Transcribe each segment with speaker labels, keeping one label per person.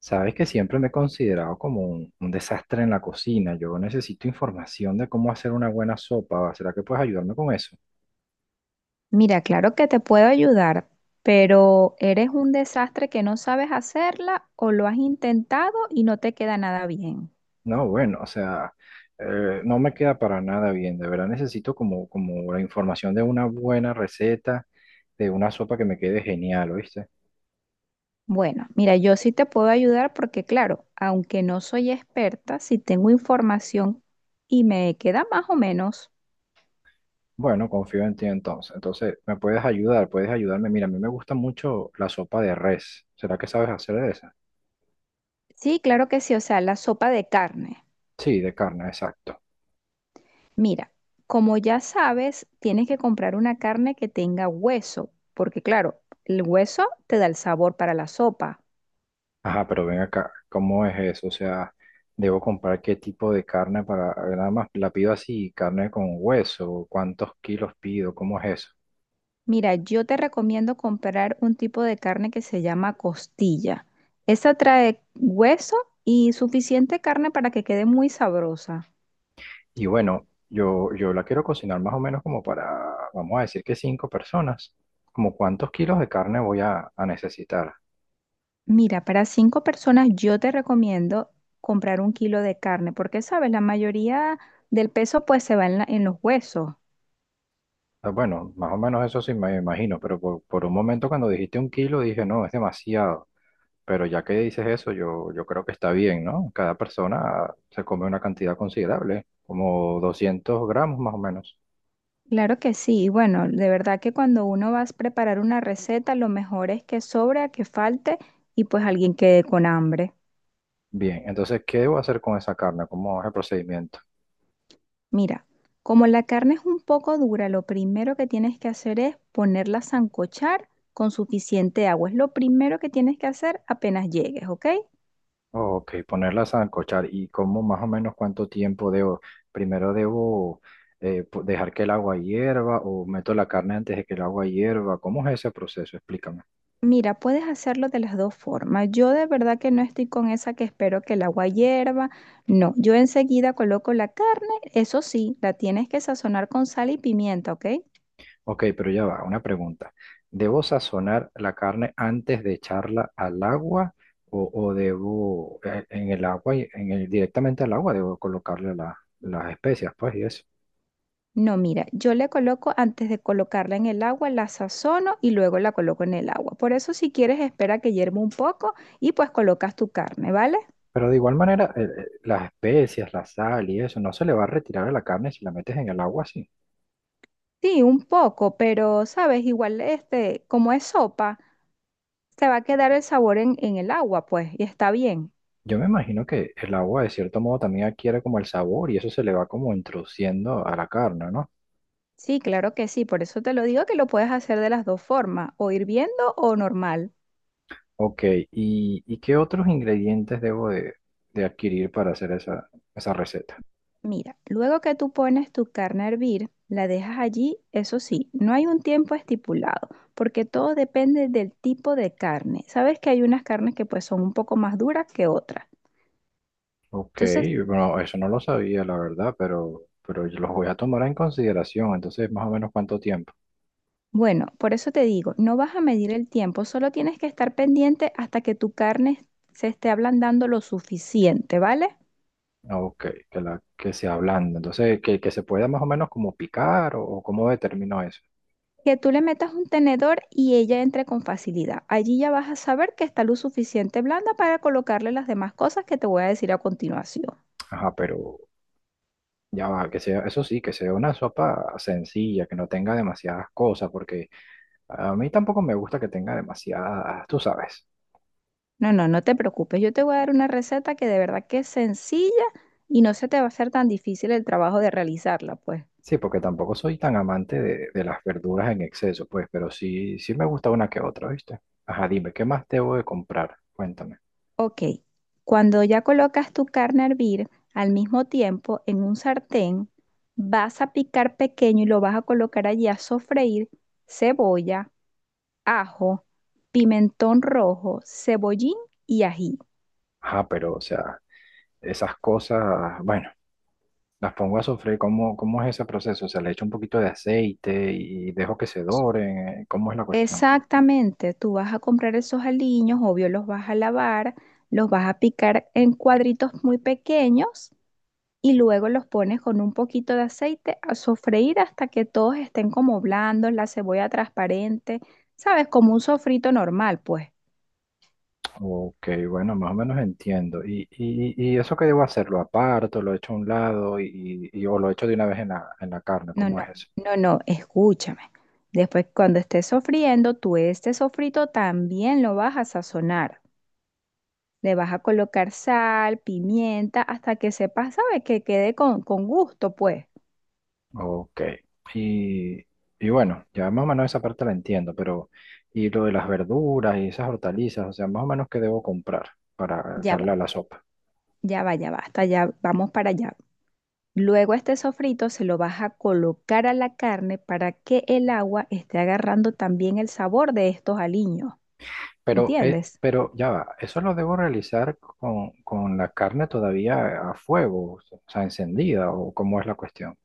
Speaker 1: Sabes que siempre me he considerado como un desastre en la cocina. Yo necesito información de cómo hacer una buena sopa. ¿Será que puedes ayudarme con eso?
Speaker 2: Mira, claro que te puedo ayudar, pero ¿eres un desastre que no sabes hacerla o lo has intentado y no te queda nada bien?
Speaker 1: No, bueno, o sea, no me queda para nada bien. De verdad necesito como la información de una buena receta, de una sopa que me quede genial, ¿oíste?
Speaker 2: Bueno, mira, yo sí te puedo ayudar porque, claro, aunque no soy experta, sí tengo información y me queda más o menos.
Speaker 1: Bueno, confío en ti entonces. Entonces, ¿me puedes ayudar? ¿Puedes ayudarme? Mira, a mí me gusta mucho la sopa de res. ¿Será que sabes hacer de esa?
Speaker 2: Sí, claro que sí, o sea, la sopa de carne.
Speaker 1: Sí, de carne, exacto.
Speaker 2: Mira, como ya sabes, tienes que comprar una carne que tenga hueso, porque, claro, el hueso te da el sabor para la sopa.
Speaker 1: Ajá, pero ven acá, ¿cómo es eso? O sea, ¿debo comprar qué tipo de carne para, nada más la pido así, carne con hueso, cuántos kilos pido, cómo es eso?
Speaker 2: Mira, yo te recomiendo comprar un tipo de carne que se llama costilla. Esa trae hueso y suficiente carne para que quede muy sabrosa.
Speaker 1: Y bueno, yo la quiero cocinar más o menos como para, vamos a decir que cinco personas, como cuántos kilos de carne voy a necesitar.
Speaker 2: Mira, para 5 personas yo te recomiendo comprar 1 kilo de carne, porque sabes, la mayoría del peso pues se va en, en los huesos.
Speaker 1: Ah, bueno, más o menos eso sí me imagino, pero por un momento cuando dijiste un kilo dije, no, es demasiado. Pero ya que dices eso, yo creo que está bien, ¿no? Cada persona se come una cantidad considerable, como 200 gramos más o menos.
Speaker 2: Claro que sí, y bueno, de verdad que cuando uno va a preparar una receta, lo mejor es que sobra, que falte y pues alguien quede con hambre.
Speaker 1: Bien, entonces, ¿qué debo hacer con esa carne? ¿Cómo es el procedimiento?
Speaker 2: Mira, como la carne es un poco dura, lo primero que tienes que hacer es ponerla a sancochar con suficiente agua. Es lo primero que tienes que hacer apenas llegues, ¿ok?
Speaker 1: Ok, ponerla a sancochar y cómo más o menos cuánto tiempo debo. Primero debo dejar que el agua hierva o meto la carne antes de que el agua hierva. ¿Cómo es ese proceso? Explícame.
Speaker 2: Mira, puedes hacerlo de las dos formas. Yo de verdad que no estoy con esa que espero que el agua hierva. No, yo enseguida coloco la carne. Eso sí, la tienes que sazonar con sal y pimienta, ¿ok?
Speaker 1: Ok, pero ya va, una pregunta. ¿Debo sazonar la carne antes de echarla al agua o debo en el agua, directamente al agua, debo colocarle las especias, pues, y eso?
Speaker 2: No, mira, yo le coloco antes de colocarla en el agua, la sazono y luego la coloco en el agua. Por eso si quieres espera que hierva un poco y pues colocas tu carne, ¿vale?
Speaker 1: Pero de igual manera, las especias, la sal y eso, no se le va a retirar a la carne si la metes en el agua así.
Speaker 2: Sí, un poco, pero sabes, igual este, como es sopa, se va a quedar el sabor en el agua, pues, y está bien.
Speaker 1: Yo me imagino que el agua de cierto modo también adquiere como el sabor y eso se le va como introduciendo a la carne, ¿no?
Speaker 2: Sí, claro que sí, por eso te lo digo que lo puedes hacer de las dos formas, o hirviendo o normal.
Speaker 1: Ok, ¿y qué otros ingredientes debo de adquirir para hacer esa receta?
Speaker 2: Mira, luego que tú pones tu carne a hervir, la dejas allí, eso sí, no hay un tiempo estipulado, porque todo depende del tipo de carne. Sabes que hay unas carnes que pues son un poco más duras que otras.
Speaker 1: Ok,
Speaker 2: Entonces,
Speaker 1: bueno, eso no lo sabía, la verdad, pero yo los voy a tomar en consideración. Entonces, más o menos cuánto tiempo.
Speaker 2: bueno, por eso te digo, no vas a medir el tiempo, solo tienes que estar pendiente hasta que tu carne se esté ablandando lo suficiente, ¿vale?
Speaker 1: Ah, ok, que se ablanda. Entonces, que se pueda más o menos como picar o cómo determino eso.
Speaker 2: Que tú le metas un tenedor y ella entre con facilidad. Allí ya vas a saber que está lo suficiente blanda para colocarle las demás cosas que te voy a decir a continuación.
Speaker 1: Ajá, pero ya va, que sea, eso sí, que sea una sopa sencilla, que no tenga demasiadas cosas, porque a mí tampoco me gusta que tenga demasiadas, tú sabes.
Speaker 2: No, no, no te preocupes. Yo te voy a dar una receta que de verdad que es sencilla y no se te va a hacer tan difícil el trabajo de realizarla, pues.
Speaker 1: Sí, porque tampoco soy tan amante de las verduras en exceso, pues, pero sí me gusta una que otra, ¿viste? Ajá, dime, ¿qué más debo de comprar? Cuéntame.
Speaker 2: Ok, cuando ya colocas tu carne a hervir, al mismo tiempo en un sartén, vas a picar pequeño y lo vas a colocar allí a sofreír cebolla, ajo, pimentón rojo, cebollín y ají.
Speaker 1: Ajá, pero, o sea, esas cosas, bueno, las pongo a sofreír. ¿Cómo es ese proceso? O sea, le echo un poquito de aceite y dejo que se doren. ¿Cómo es la cuestión?
Speaker 2: Exactamente, tú vas a comprar esos aliños, obvio los vas a lavar, los vas a picar en cuadritos muy pequeños y luego los pones con un poquito de aceite a sofreír hasta que todos estén como blandos, la cebolla transparente, ¿sabes? Como un sofrito normal, pues.
Speaker 1: Ok, bueno, más o menos entiendo. ¿Y eso que debo hacer? ¿Lo aparto, lo echo a un lado o lo echo de una vez en la carne?
Speaker 2: No,
Speaker 1: ¿Cómo es
Speaker 2: no,
Speaker 1: eso?
Speaker 2: no, no, escúchame. Después, cuando estés sofriendo, tú este sofrito también lo vas a sazonar. Le vas a colocar sal, pimienta, hasta que sepas, ¿sabes? Que quede con gusto, pues.
Speaker 1: Ok. Y, y bueno, ya más o menos esa parte la entiendo, pero ¿y lo de las verduras y esas hortalizas? O sea, más o menos qué debo comprar para
Speaker 2: Ya
Speaker 1: echarle
Speaker 2: va,
Speaker 1: a la sopa.
Speaker 2: ya va, ya va, hasta ya vamos para allá. Luego este sofrito se lo vas a colocar a la carne para que el agua esté agarrando también el sabor de estos aliños,
Speaker 1: Pero, eh,
Speaker 2: ¿entiendes?
Speaker 1: pero ya va, eso lo debo realizar con la carne todavía a fuego, o sea, encendida, o cómo es la cuestión.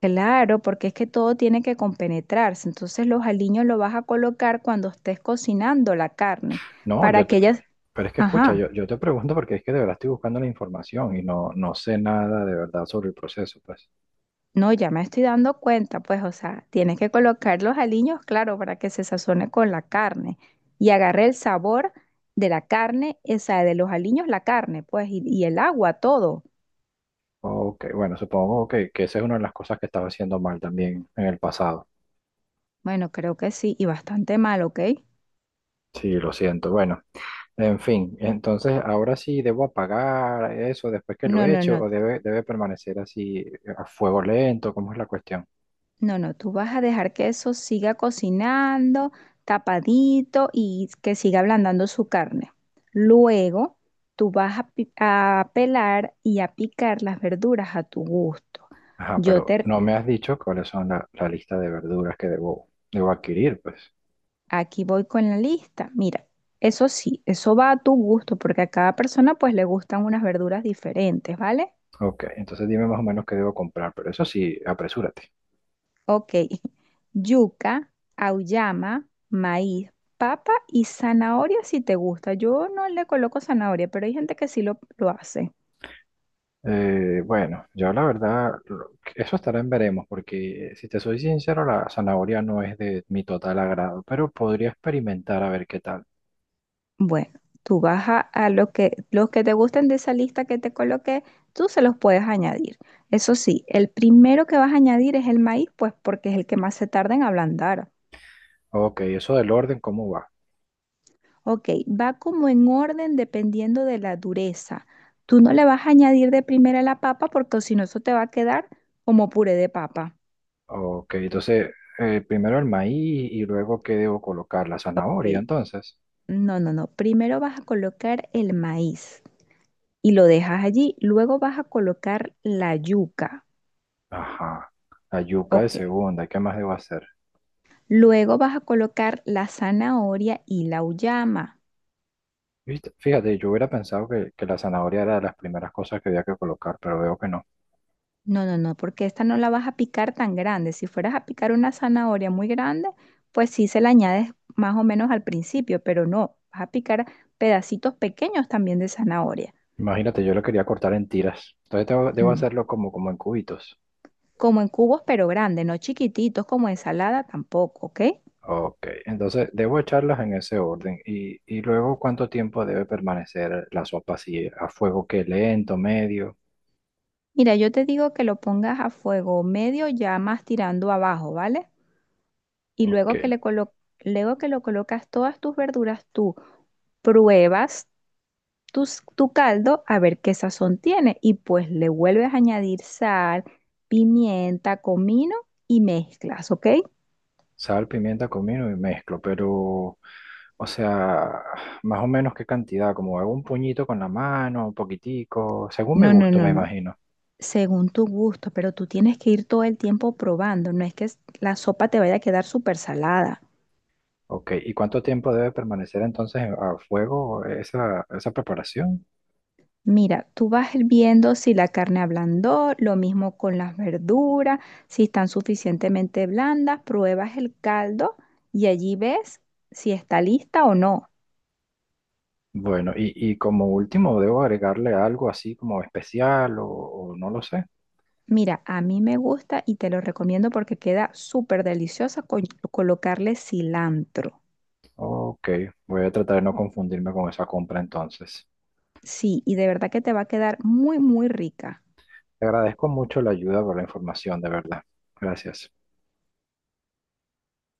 Speaker 2: Claro, porque es que todo tiene que compenetrarse. Entonces los aliños los vas a colocar cuando estés cocinando la carne
Speaker 1: No,
Speaker 2: para que ellas...
Speaker 1: pero es que escucha,
Speaker 2: Ajá,
Speaker 1: yo te pregunto porque es que de verdad estoy buscando la información y no sé nada de verdad sobre el proceso, pues.
Speaker 2: no, ya me estoy dando cuenta, pues, o sea, tienes que colocar los aliños, claro, para que se sazone con la carne y agarre el sabor de la carne, o sea, de los aliños, la carne, pues, y el agua, todo.
Speaker 1: Ok, bueno, supongo que esa es una de las cosas que estaba haciendo mal también en el pasado.
Speaker 2: Bueno, creo que sí, y bastante mal, ¿ok?
Speaker 1: Sí, lo siento. Bueno, en fin, entonces ahora sí debo apagar eso después que lo
Speaker 2: No,
Speaker 1: he
Speaker 2: no,
Speaker 1: hecho
Speaker 2: no,
Speaker 1: o debe permanecer así a fuego lento, ¿cómo es la cuestión?
Speaker 2: no, no, tú vas a dejar que eso siga cocinando, tapadito y que siga ablandando su carne. Luego, tú vas a, a pelar y a picar las verduras a tu gusto.
Speaker 1: Ajá,
Speaker 2: Yo
Speaker 1: pero
Speaker 2: te,
Speaker 1: no me has dicho cuáles son la lista de verduras que debo adquirir, pues.
Speaker 2: aquí voy con la lista. Mira, eso sí, eso va a tu gusto, porque a cada persona pues le gustan unas verduras diferentes, ¿vale?
Speaker 1: Ok, entonces dime más o menos qué debo comprar, pero eso sí, apresúrate.
Speaker 2: Ok. Yuca, auyama, maíz, papa y zanahoria si te gusta. Yo no le coloco zanahoria, pero hay gente que sí lo hace.
Speaker 1: Bueno, yo la verdad, eso estará en veremos, porque si te soy sincero, la zanahoria no es de mi total agrado, pero podría experimentar a ver qué tal.
Speaker 2: Bueno, tú vas a lo que, los que te gusten de esa lista que te coloqué, tú se los puedes añadir. Eso sí, el primero que vas a añadir es el maíz, pues porque es el que más se tarda en ablandar.
Speaker 1: Ok, eso del orden, ¿cómo va?
Speaker 2: Ok, va como en orden dependiendo de la dureza. Tú no le vas a añadir de primera la papa porque si no eso te va a quedar como puré de papa.
Speaker 1: Ok, entonces, primero el maíz y luego qué debo colocar, la zanahoria,
Speaker 2: Ok,
Speaker 1: entonces.
Speaker 2: no, no, no. Primero vas a colocar el maíz y lo dejas allí. Luego vas a colocar la yuca.
Speaker 1: Ajá, la yuca de
Speaker 2: Ok.
Speaker 1: segunda, ¿qué más debo hacer?
Speaker 2: Luego vas a colocar la zanahoria y la uyama.
Speaker 1: Viste, fíjate, yo hubiera pensado que la zanahoria era de las primeras cosas que había que colocar, pero veo que no.
Speaker 2: No, no, no, porque esta no la vas a picar tan grande. Si fueras a picar una zanahoria muy grande, pues sí se la añades más o menos al principio, pero no, vas a picar pedacitos pequeños también de zanahoria.
Speaker 1: Imagínate, yo lo quería cortar en tiras. Entonces debo
Speaker 2: Mm.
Speaker 1: hacerlo como en cubitos.
Speaker 2: Como en cubos, pero grandes, no chiquititos como ensalada tampoco, ¿ok?
Speaker 1: Ok, entonces debo echarlas en ese orden. Y luego, ¿cuánto tiempo debe permanecer la sopa así? ¿A fuego que lento, medio?
Speaker 2: Mira, yo te digo que lo pongas a fuego medio, ya más tirando abajo, ¿vale? Y
Speaker 1: Ok,
Speaker 2: luego que luego que lo colocas todas tus verduras, tú pruebas tus, tu caldo a ver qué sazón tiene y pues le vuelves a añadir sal, pimienta, comino y mezclas, ¿ok?
Speaker 1: sal, pimienta, comino y mezclo, pero, o sea, más o menos qué cantidad, como hago un puñito con la mano, un poquitico, según mi
Speaker 2: No, no,
Speaker 1: gusto,
Speaker 2: no,
Speaker 1: me
Speaker 2: no.
Speaker 1: imagino.
Speaker 2: Según tu gusto, pero tú tienes que ir todo el tiempo probando, no es que la sopa te vaya a quedar súper salada.
Speaker 1: Ok, ¿y cuánto tiempo debe permanecer entonces a fuego esa preparación?
Speaker 2: Mira, tú vas viendo si la carne ablandó, lo mismo con las verduras, si están suficientemente blandas, pruebas el caldo y allí ves si está lista o no.
Speaker 1: Bueno, y como último, ¿debo agregarle algo así como especial o no lo sé?
Speaker 2: Mira, a mí me gusta y te lo recomiendo porque queda súper deliciosa con colocarle cilantro.
Speaker 1: Ok, voy a tratar de no confundirme con esa compra entonces.
Speaker 2: Sí, y de verdad que te va a quedar muy, muy rica.
Speaker 1: Te agradezco mucho la ayuda por la información, de verdad. Gracias.